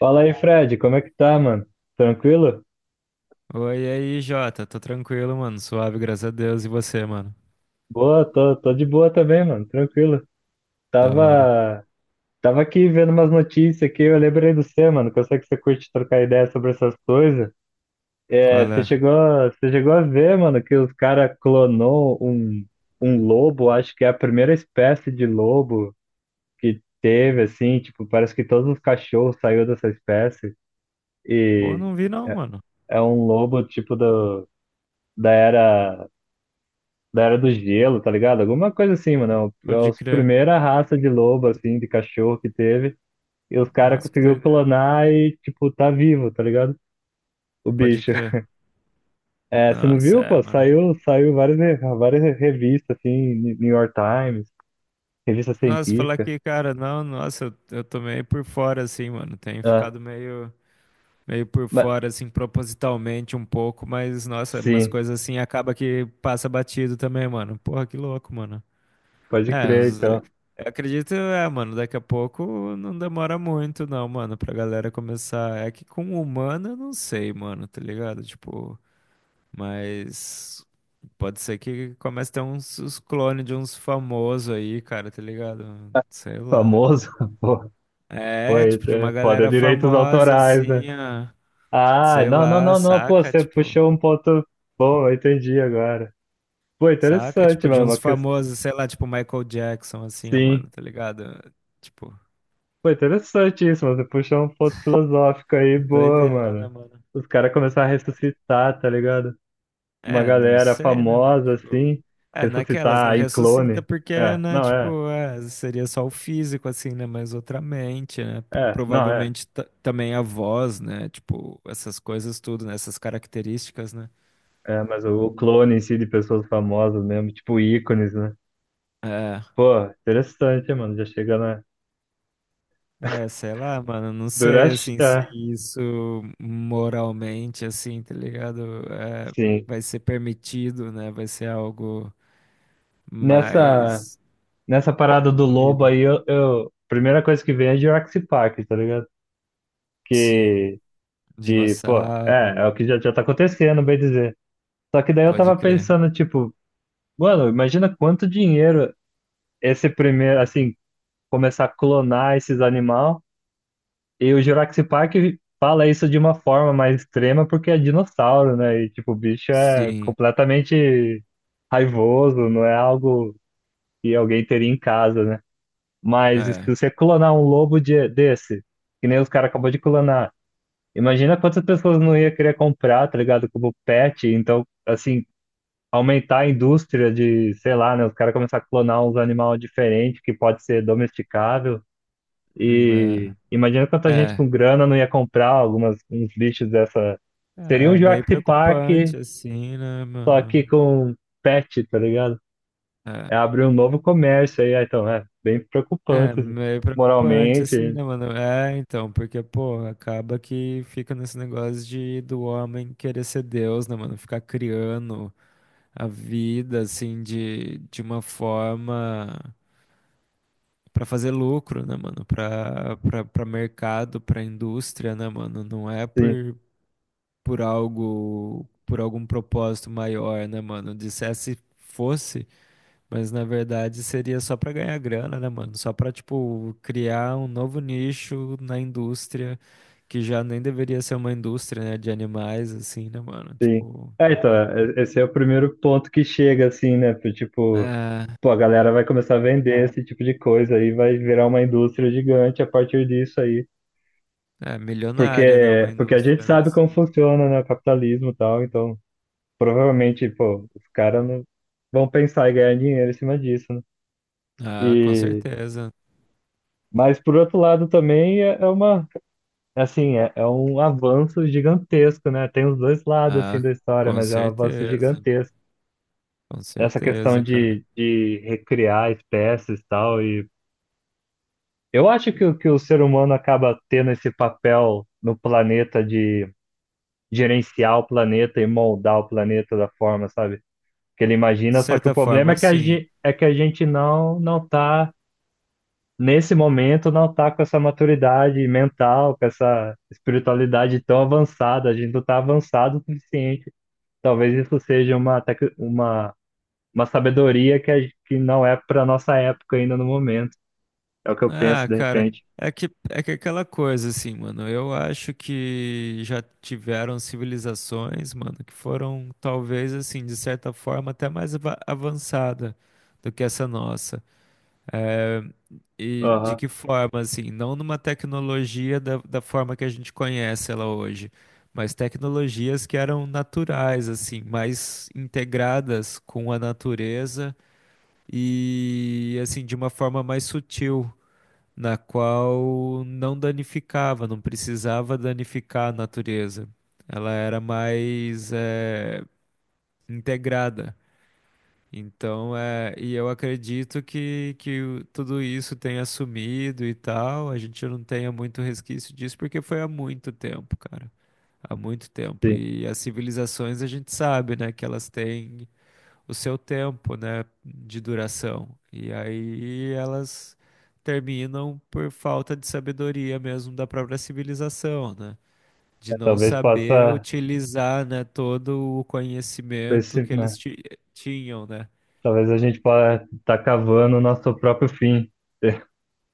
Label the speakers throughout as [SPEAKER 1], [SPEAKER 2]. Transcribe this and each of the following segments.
[SPEAKER 1] Fala aí, Fred, como é que tá, mano? Tranquilo?
[SPEAKER 2] Oi, e aí, Jota. Tô tranquilo, mano. Suave, graças a Deus. E você, mano?
[SPEAKER 1] Boa, tô de boa também, mano, tranquilo.
[SPEAKER 2] Da hora.
[SPEAKER 1] Tava, tava aqui vendo umas notícias aqui, eu lembrei do você, mano, que eu sei que você curte trocar ideia sobre essas coisas. É,
[SPEAKER 2] Qual
[SPEAKER 1] você
[SPEAKER 2] é?
[SPEAKER 1] chegou, você chegou a ver, mano, que os caras clonou um lobo, acho que é a primeira espécie de lobo que teve, assim, tipo, parece que todos os cachorros saiu dessa espécie
[SPEAKER 2] Pô,
[SPEAKER 1] e
[SPEAKER 2] não vi não, mano.
[SPEAKER 1] é um lobo, tipo, do, da era da Era do Gelo, tá ligado? Alguma coisa assim, mano. É a
[SPEAKER 2] Pode crer.
[SPEAKER 1] primeira raça de lobo, assim, de cachorro que teve. E os caras
[SPEAKER 2] Nossa, que
[SPEAKER 1] conseguiu
[SPEAKER 2] doideira.
[SPEAKER 1] clonar e, tipo, tá vivo, tá ligado? O
[SPEAKER 2] Pode
[SPEAKER 1] bicho.
[SPEAKER 2] crer.
[SPEAKER 1] É, você não
[SPEAKER 2] Nossa,
[SPEAKER 1] viu,
[SPEAKER 2] é,
[SPEAKER 1] pô?
[SPEAKER 2] mano.
[SPEAKER 1] Saiu várias revistas, assim, New York Times, revista
[SPEAKER 2] Nossa, falar
[SPEAKER 1] científica.
[SPEAKER 2] que, cara, não, nossa, eu tô meio por fora, assim, mano. Tenho
[SPEAKER 1] Ah,
[SPEAKER 2] ficado meio por
[SPEAKER 1] mas,
[SPEAKER 2] fora, assim, propositalmente um pouco, mas, nossa, umas
[SPEAKER 1] sim,
[SPEAKER 2] coisas assim acaba que passa batido também, mano. Porra, que louco, mano.
[SPEAKER 1] pode
[SPEAKER 2] É,
[SPEAKER 1] crer, então.
[SPEAKER 2] eu acredito, é, mano, daqui a pouco não demora muito, não, mano, pra galera começar. É que com humano eu não sei, mano, tá ligado? Tipo, mas pode ser que comece a ter uns clones de uns famosos aí, cara, tá ligado? Sei lá.
[SPEAKER 1] Famoso, pô.
[SPEAKER 2] É,
[SPEAKER 1] Foi,
[SPEAKER 2] tipo, de
[SPEAKER 1] é,
[SPEAKER 2] uma
[SPEAKER 1] foda, é
[SPEAKER 2] galera
[SPEAKER 1] direitos
[SPEAKER 2] famosa,
[SPEAKER 1] autorais, né?
[SPEAKER 2] assim, ó,
[SPEAKER 1] Ah,
[SPEAKER 2] sei
[SPEAKER 1] não, não,
[SPEAKER 2] lá,
[SPEAKER 1] não, não, pô, você puxou um ponto bom, eu entendi agora. Pô,
[SPEAKER 2] saca,
[SPEAKER 1] interessante,
[SPEAKER 2] tipo, de
[SPEAKER 1] mano.
[SPEAKER 2] uns
[SPEAKER 1] Uma
[SPEAKER 2] famosos, sei lá, tipo, Michael Jackson, assim, ó, mano,
[SPEAKER 1] Sim.
[SPEAKER 2] tá ligado? Tipo,
[SPEAKER 1] Pô, interessante isso, mano. Você puxou um ponto filosófico aí, boa,
[SPEAKER 2] doideira, né,
[SPEAKER 1] mano.
[SPEAKER 2] mano?
[SPEAKER 1] Os caras começaram a ressuscitar, tá ligado? Uma
[SPEAKER 2] É, não
[SPEAKER 1] galera
[SPEAKER 2] sei, né, mano?
[SPEAKER 1] famosa,
[SPEAKER 2] Tipo,
[SPEAKER 1] assim,
[SPEAKER 2] é, naquelas não
[SPEAKER 1] ressuscitar em
[SPEAKER 2] ressuscita
[SPEAKER 1] clone.
[SPEAKER 2] porque,
[SPEAKER 1] É,
[SPEAKER 2] né,
[SPEAKER 1] não, é,
[SPEAKER 2] tipo, é, seria só o físico, assim, né? Mas outra mente, né?
[SPEAKER 1] é, não, é.
[SPEAKER 2] Provavelmente também a voz, né? Tipo, essas coisas tudo, né? Essas características, né?
[SPEAKER 1] É, mas o clone em si de pessoas famosas mesmo, tipo ícones, né?
[SPEAKER 2] É,
[SPEAKER 1] Pô, interessante, mano. Já chega na.
[SPEAKER 2] é, sei lá, mano, não sei,
[SPEAKER 1] Durante.
[SPEAKER 2] assim, se
[SPEAKER 1] É,
[SPEAKER 2] isso moralmente, assim, tá ligado? É,
[SPEAKER 1] sim.
[SPEAKER 2] vai ser permitido, né? Vai ser algo
[SPEAKER 1] Nessa,
[SPEAKER 2] mais.
[SPEAKER 1] nessa parada
[SPEAKER 2] Não
[SPEAKER 1] do lobo
[SPEAKER 2] duvido.
[SPEAKER 1] aí, a primeira coisa que vem é Jurassic Park, tá ligado?
[SPEAKER 2] Sim,
[SPEAKER 1] Que De, pô, é,
[SPEAKER 2] dinossauro,
[SPEAKER 1] é o que já tá acontecendo, bem dizer. Só que daí eu
[SPEAKER 2] pode
[SPEAKER 1] tava
[SPEAKER 2] crer.
[SPEAKER 1] pensando, tipo, mano, imagina quanto dinheiro esse primeiro, assim, começar a clonar esses animais. E o Jurassic Park fala isso de uma forma mais extrema porque é dinossauro, né? E, tipo, o bicho é
[SPEAKER 2] Sim,
[SPEAKER 1] completamente raivoso, não é algo que alguém teria em casa, né? Mas se
[SPEAKER 2] é,
[SPEAKER 1] você clonar um lobo desse, que nem os caras acabou de clonar, imagina quantas pessoas não ia querer comprar, tá ligado? Como pet. Então, assim, aumentar a indústria de, sei lá, né? Os caras começar a clonar uns animais diferentes que pode ser domesticável.
[SPEAKER 2] é,
[SPEAKER 1] E imagina quanta gente
[SPEAKER 2] é,
[SPEAKER 1] com grana não ia comprar algumas, uns bichos dessa. Seria um
[SPEAKER 2] é meio
[SPEAKER 1] Jurassic Park,
[SPEAKER 2] preocupante assim, né,
[SPEAKER 1] só
[SPEAKER 2] mano?
[SPEAKER 1] que com pet, tá ligado?
[SPEAKER 2] É,
[SPEAKER 1] É abrir um novo comércio aí. Ah, então, é bem
[SPEAKER 2] é
[SPEAKER 1] preocupante
[SPEAKER 2] meio preocupante assim,
[SPEAKER 1] moralmente.
[SPEAKER 2] né, mano? É, então, porque, pô, acaba que fica nesse negócio de do homem querer ser Deus, né, mano? Ficar criando a vida assim de uma forma pra fazer lucro, né, mano? Pra mercado, pra indústria, né, mano? Não é
[SPEAKER 1] Sim,
[SPEAKER 2] por algo, por algum propósito maior, né, mano? Dissesse fosse, mas na verdade seria só pra ganhar grana, né, mano? Só pra, tipo, criar um novo nicho na indústria, que já nem deveria ser uma indústria, né, de animais, assim, né, mano?
[SPEAKER 1] sim.
[SPEAKER 2] Tipo,
[SPEAKER 1] É, então, esse é o primeiro ponto que chega, assim, né? Tipo,
[SPEAKER 2] é,
[SPEAKER 1] pô, a galera vai começar a vender esse tipo de coisa aí, vai virar uma indústria gigante a partir disso aí.
[SPEAKER 2] é milionária, né, uma
[SPEAKER 1] Porque, porque a gente
[SPEAKER 2] indústria, né,
[SPEAKER 1] sabe como
[SPEAKER 2] assim.
[SPEAKER 1] funciona, né, o capitalismo e tal, então provavelmente, pô, os caras não vão pensar em ganhar dinheiro em cima disso, né?
[SPEAKER 2] Ah, com
[SPEAKER 1] E,
[SPEAKER 2] certeza.
[SPEAKER 1] mas por outro lado também é, é uma, assim, é um avanço gigantesco, né? Tem os dois lados,
[SPEAKER 2] Ah,
[SPEAKER 1] assim, da história,
[SPEAKER 2] com
[SPEAKER 1] mas é um avanço
[SPEAKER 2] certeza.
[SPEAKER 1] gigantesco.
[SPEAKER 2] Com
[SPEAKER 1] Essa questão
[SPEAKER 2] certeza, cara.
[SPEAKER 1] de, recriar espécies e tal, e eu acho que o ser humano acaba tendo esse papel no planeta de gerenciar o planeta e moldar o planeta da forma, sabe? Que ele
[SPEAKER 2] De
[SPEAKER 1] imagina, só que o
[SPEAKER 2] certa
[SPEAKER 1] problema
[SPEAKER 2] forma,
[SPEAKER 1] é que
[SPEAKER 2] sim.
[SPEAKER 1] é que a gente não tá nesse momento, não tá com essa maturidade mental, com essa espiritualidade tão avançada, a gente não tá avançado o suficiente. Talvez isso seja uma tec- uma sabedoria que não é para nossa época ainda no momento. É o que eu penso
[SPEAKER 2] Ah,
[SPEAKER 1] de
[SPEAKER 2] cara,
[SPEAKER 1] repente.
[SPEAKER 2] é que aquela coisa assim, mano. Eu acho que já tiveram civilizações, mano, que foram talvez assim, de certa forma, até mais avançada do que essa nossa. É, e de
[SPEAKER 1] Aham,
[SPEAKER 2] que forma, assim, não numa tecnologia da forma que a gente conhece ela hoje, mas tecnologias que eram naturais, assim, mais integradas com a natureza e assim de uma forma mais sutil na qual não danificava, não precisava danificar a natureza. Ela era mais integrada. Então, é, e eu acredito que tudo isso tenha sumido e tal, a gente não tenha muito resquício disso, porque foi há muito tempo, cara. Há muito tempo.
[SPEAKER 1] sim.
[SPEAKER 2] E as civilizações a gente sabe, né, que elas têm o seu tempo, né, de duração. E aí elas terminam por falta de sabedoria mesmo da própria civilização, né? De
[SPEAKER 1] É,
[SPEAKER 2] não
[SPEAKER 1] talvez
[SPEAKER 2] saber
[SPEAKER 1] possa,
[SPEAKER 2] utilizar, né, todo o conhecimento
[SPEAKER 1] esse,
[SPEAKER 2] que
[SPEAKER 1] né?
[SPEAKER 2] eles tinham, né?
[SPEAKER 1] Talvez a gente possa estar cavando o nosso próprio fim,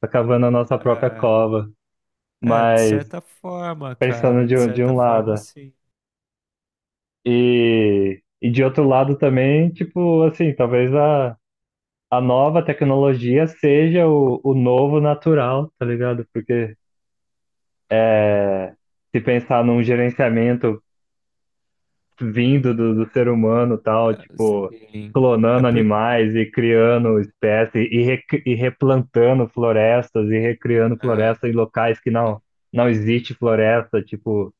[SPEAKER 1] tá cavando a nossa própria
[SPEAKER 2] É,
[SPEAKER 1] cova,
[SPEAKER 2] é, de
[SPEAKER 1] mas
[SPEAKER 2] certa forma,
[SPEAKER 1] pensando
[SPEAKER 2] cara, de
[SPEAKER 1] de
[SPEAKER 2] certa
[SPEAKER 1] um lado,
[SPEAKER 2] forma,
[SPEAKER 1] né?
[SPEAKER 2] sim.
[SPEAKER 1] E de outro lado também, tipo, assim, talvez a nova tecnologia seja o novo natural, tá ligado? Porque é, se pensar num gerenciamento vindo do ser humano, tal,
[SPEAKER 2] É,
[SPEAKER 1] tipo,
[SPEAKER 2] sim. É
[SPEAKER 1] clonando
[SPEAKER 2] porque.
[SPEAKER 1] animais e criando espécies e replantando florestas e recriando
[SPEAKER 2] É,
[SPEAKER 1] florestas em locais que não,
[SPEAKER 2] sim.
[SPEAKER 1] não existe floresta, tipo,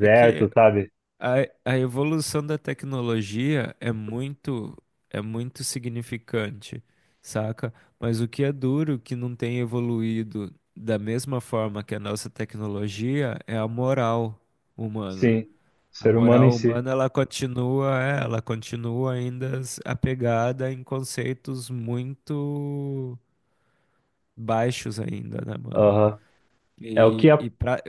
[SPEAKER 2] É que
[SPEAKER 1] sabe?
[SPEAKER 2] a evolução da tecnologia é muito significante, saca? Mas o que é duro que não tem evoluído da mesma forma que a nossa tecnologia é a moral humana.
[SPEAKER 1] Sim,
[SPEAKER 2] A
[SPEAKER 1] ser humano em
[SPEAKER 2] moral
[SPEAKER 1] si.
[SPEAKER 2] humana ela continua, é, ela continua ainda apegada em conceitos muito baixos ainda, né, mano?
[SPEAKER 1] Aham. É o que
[SPEAKER 2] E,
[SPEAKER 1] a,
[SPEAKER 2] e pra,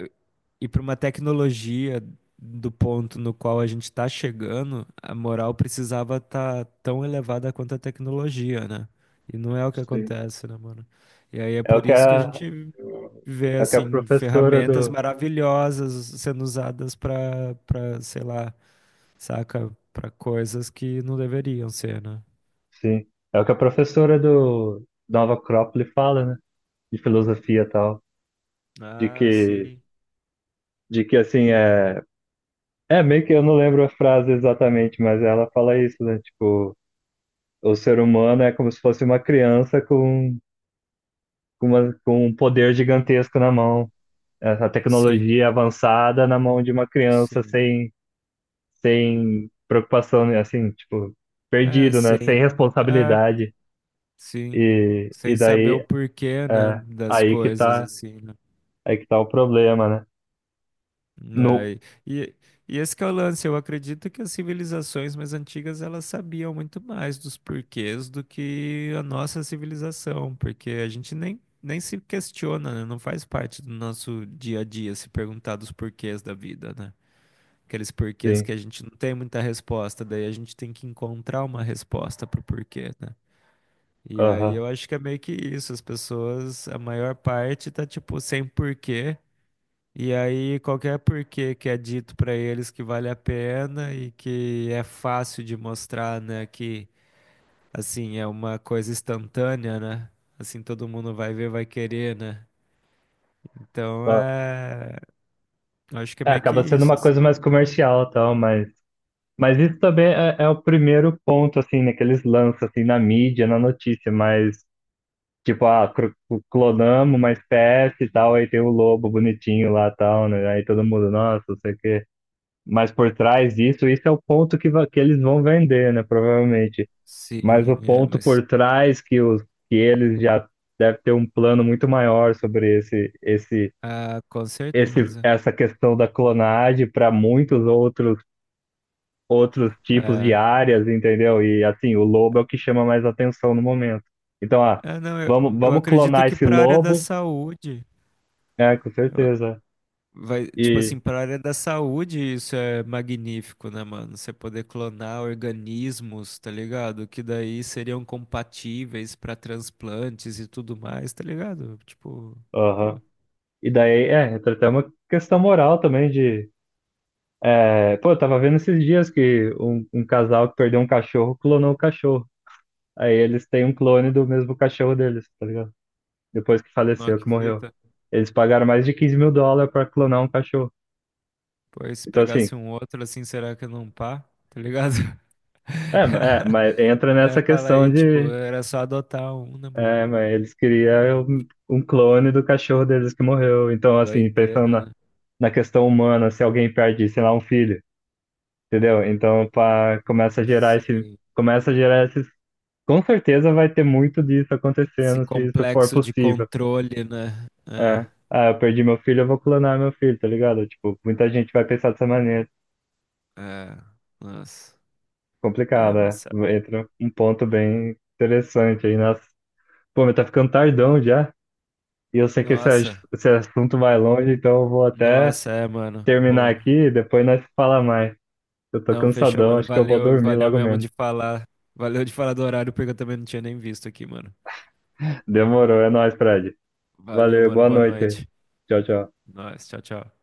[SPEAKER 2] e para uma tecnologia do ponto no qual a gente está chegando, a moral precisava estar tão elevada quanto a tecnologia, né? E não é o que
[SPEAKER 1] Sim.
[SPEAKER 2] acontece, né, mano? E aí é
[SPEAKER 1] é o
[SPEAKER 2] por
[SPEAKER 1] que
[SPEAKER 2] isso que a
[SPEAKER 1] a,
[SPEAKER 2] gente vê,
[SPEAKER 1] é o que a
[SPEAKER 2] assim,
[SPEAKER 1] professora
[SPEAKER 2] ferramentas
[SPEAKER 1] do,
[SPEAKER 2] maravilhosas sendo usadas para sei lá, saca? Para coisas que não deveriam ser, né?
[SPEAKER 1] sim, é o que a professora do Nova Acrópole fala, né? De filosofia e tal, de
[SPEAKER 2] Ah,
[SPEAKER 1] que,
[SPEAKER 2] sim.
[SPEAKER 1] de que assim, É, meio que eu não lembro a frase exatamente, mas ela fala isso, né? Tipo, o ser humano é como se fosse uma criança com um poder gigantesco na mão. Essa
[SPEAKER 2] Sim,
[SPEAKER 1] tecnologia avançada na mão de uma criança
[SPEAKER 2] sim.
[SPEAKER 1] sem preocupação, né? Assim, tipo,
[SPEAKER 2] É,
[SPEAKER 1] perdido, né?
[SPEAKER 2] sim.
[SPEAKER 1] Sem
[SPEAKER 2] É,
[SPEAKER 1] responsabilidade.
[SPEAKER 2] sim,
[SPEAKER 1] E
[SPEAKER 2] sem saber o
[SPEAKER 1] daí,
[SPEAKER 2] porquê, né,
[SPEAKER 1] é,
[SPEAKER 2] das
[SPEAKER 1] aí que
[SPEAKER 2] coisas
[SPEAKER 1] tá,
[SPEAKER 2] assim, né?
[SPEAKER 1] aí que tá o problema, né? No,
[SPEAKER 2] Né, E, e esse que é o lance, eu acredito que as civilizações mais antigas elas sabiam muito mais dos porquês do que a nossa civilização, porque a gente nem se questiona, né? Não faz parte do nosso dia a dia se perguntar dos porquês da vida, né? Aqueles porquês que
[SPEAKER 1] sim,
[SPEAKER 2] a gente não tem muita resposta, daí a gente tem que encontrar uma resposta pro porquê, né? E aí
[SPEAKER 1] aham.
[SPEAKER 2] eu acho que é meio que isso, as pessoas, a maior parte tá tipo sem porquê, e aí qualquer porquê que é dito pra eles que vale a pena e que é fácil de mostrar, né, que assim é uma coisa instantânea, né? Assim todo mundo vai ver, vai querer, né? Então é, eu acho que é
[SPEAKER 1] É,
[SPEAKER 2] meio que
[SPEAKER 1] acaba sendo
[SPEAKER 2] isso,
[SPEAKER 1] uma
[SPEAKER 2] assim.
[SPEAKER 1] coisa mais comercial, tal, mas isso também é o primeiro ponto, assim, né, que eles lançam, assim, na mídia, na notícia, mas, tipo, ah, clonamos uma espécie e tal, aí tem o lobo bonitinho lá e tal, né, aí todo mundo, nossa, não sei o quê. Mas por trás disso, isso é o ponto que eles vão vender, né, provavelmente. Mas
[SPEAKER 2] Sim,
[SPEAKER 1] o
[SPEAKER 2] é,
[SPEAKER 1] ponto
[SPEAKER 2] mas
[SPEAKER 1] por trás que eles já devem ter um plano muito maior sobre esse, esse,
[SPEAKER 2] ah, com
[SPEAKER 1] esse,
[SPEAKER 2] certeza.
[SPEAKER 1] essa questão da clonagem para muitos outros tipos de
[SPEAKER 2] É.
[SPEAKER 1] áreas, entendeu? E assim, o lobo é o que chama mais atenção no momento. Então, ah,
[SPEAKER 2] É, não,
[SPEAKER 1] vamos,
[SPEAKER 2] eu
[SPEAKER 1] vamos
[SPEAKER 2] acredito
[SPEAKER 1] clonar
[SPEAKER 2] que
[SPEAKER 1] esse
[SPEAKER 2] para a área da
[SPEAKER 1] lobo,
[SPEAKER 2] saúde,
[SPEAKER 1] é, com
[SPEAKER 2] eu
[SPEAKER 1] certeza.
[SPEAKER 2] vai, tipo
[SPEAKER 1] E,
[SPEAKER 2] assim, para a área da saúde, isso é magnífico, né, mano? Você poder clonar organismos, tá ligado? Que daí seriam compatíveis para transplantes e tudo mais, tá ligado? Tipo, pô,
[SPEAKER 1] aham. E daí, é, entra até uma questão moral também de. É, pô, eu tava vendo esses dias que um casal que perdeu um cachorro clonou o cachorro. Aí eles têm um clone do mesmo cachorro deles, tá ligado? Depois que
[SPEAKER 2] nó
[SPEAKER 1] faleceu,
[SPEAKER 2] que
[SPEAKER 1] que morreu.
[SPEAKER 2] fita.
[SPEAKER 1] Eles pagaram mais de 15 mil dólares pra clonar um cachorro.
[SPEAKER 2] Pô, e se
[SPEAKER 1] Então, assim,
[SPEAKER 2] pegasse um outro assim, será que não pá? Tá ligado?
[SPEAKER 1] mas entra
[SPEAKER 2] Né?
[SPEAKER 1] nessa
[SPEAKER 2] Fala
[SPEAKER 1] questão
[SPEAKER 2] aí, tipo,
[SPEAKER 1] de,
[SPEAKER 2] era só adotar um, né,
[SPEAKER 1] é,
[SPEAKER 2] mano?
[SPEAKER 1] mas eles queriam um clone do cachorro deles que morreu. Então, assim, pensando
[SPEAKER 2] Doideira,
[SPEAKER 1] na,
[SPEAKER 2] né?
[SPEAKER 1] na questão humana, se alguém perde, sei lá, um filho, entendeu? Então, pá, começa a gerar esse,
[SPEAKER 2] Esse,
[SPEAKER 1] começa a gerar esses, com certeza vai ter muito disso
[SPEAKER 2] esse
[SPEAKER 1] acontecendo, se isso for
[SPEAKER 2] complexo de
[SPEAKER 1] possível.
[SPEAKER 2] controle, né?
[SPEAKER 1] É. Ah, eu perdi meu filho, eu vou clonar meu filho, tá ligado? Tipo, muita gente vai pensar dessa maneira.
[SPEAKER 2] É, é, nossa. É,
[SPEAKER 1] Complicado,
[SPEAKER 2] vai
[SPEAKER 1] é.
[SPEAKER 2] saber.
[SPEAKER 1] Entra um ponto bem interessante aí. Nossa, pô, mas tá ficando tardão já. E eu sei que esse,
[SPEAKER 2] Nossa,
[SPEAKER 1] esse assunto vai longe, então eu vou até
[SPEAKER 2] nossa, é, mano.
[SPEAKER 1] terminar
[SPEAKER 2] Pô,
[SPEAKER 1] aqui, depois nós fala mais. Eu tô
[SPEAKER 2] não, fechou,
[SPEAKER 1] cansadão,
[SPEAKER 2] mano.
[SPEAKER 1] acho que eu vou
[SPEAKER 2] Valeu,
[SPEAKER 1] dormir
[SPEAKER 2] valeu
[SPEAKER 1] logo
[SPEAKER 2] mesmo de
[SPEAKER 1] menos.
[SPEAKER 2] falar. Valeu de falar do horário, porque eu também não tinha nem visto aqui, mano.
[SPEAKER 1] Demorou, é nóis, Fred.
[SPEAKER 2] Valeu,
[SPEAKER 1] Valeu,
[SPEAKER 2] mano.
[SPEAKER 1] boa
[SPEAKER 2] Boa
[SPEAKER 1] noite.
[SPEAKER 2] noite.
[SPEAKER 1] Tchau, tchau.
[SPEAKER 2] Nós, tchau, tchau.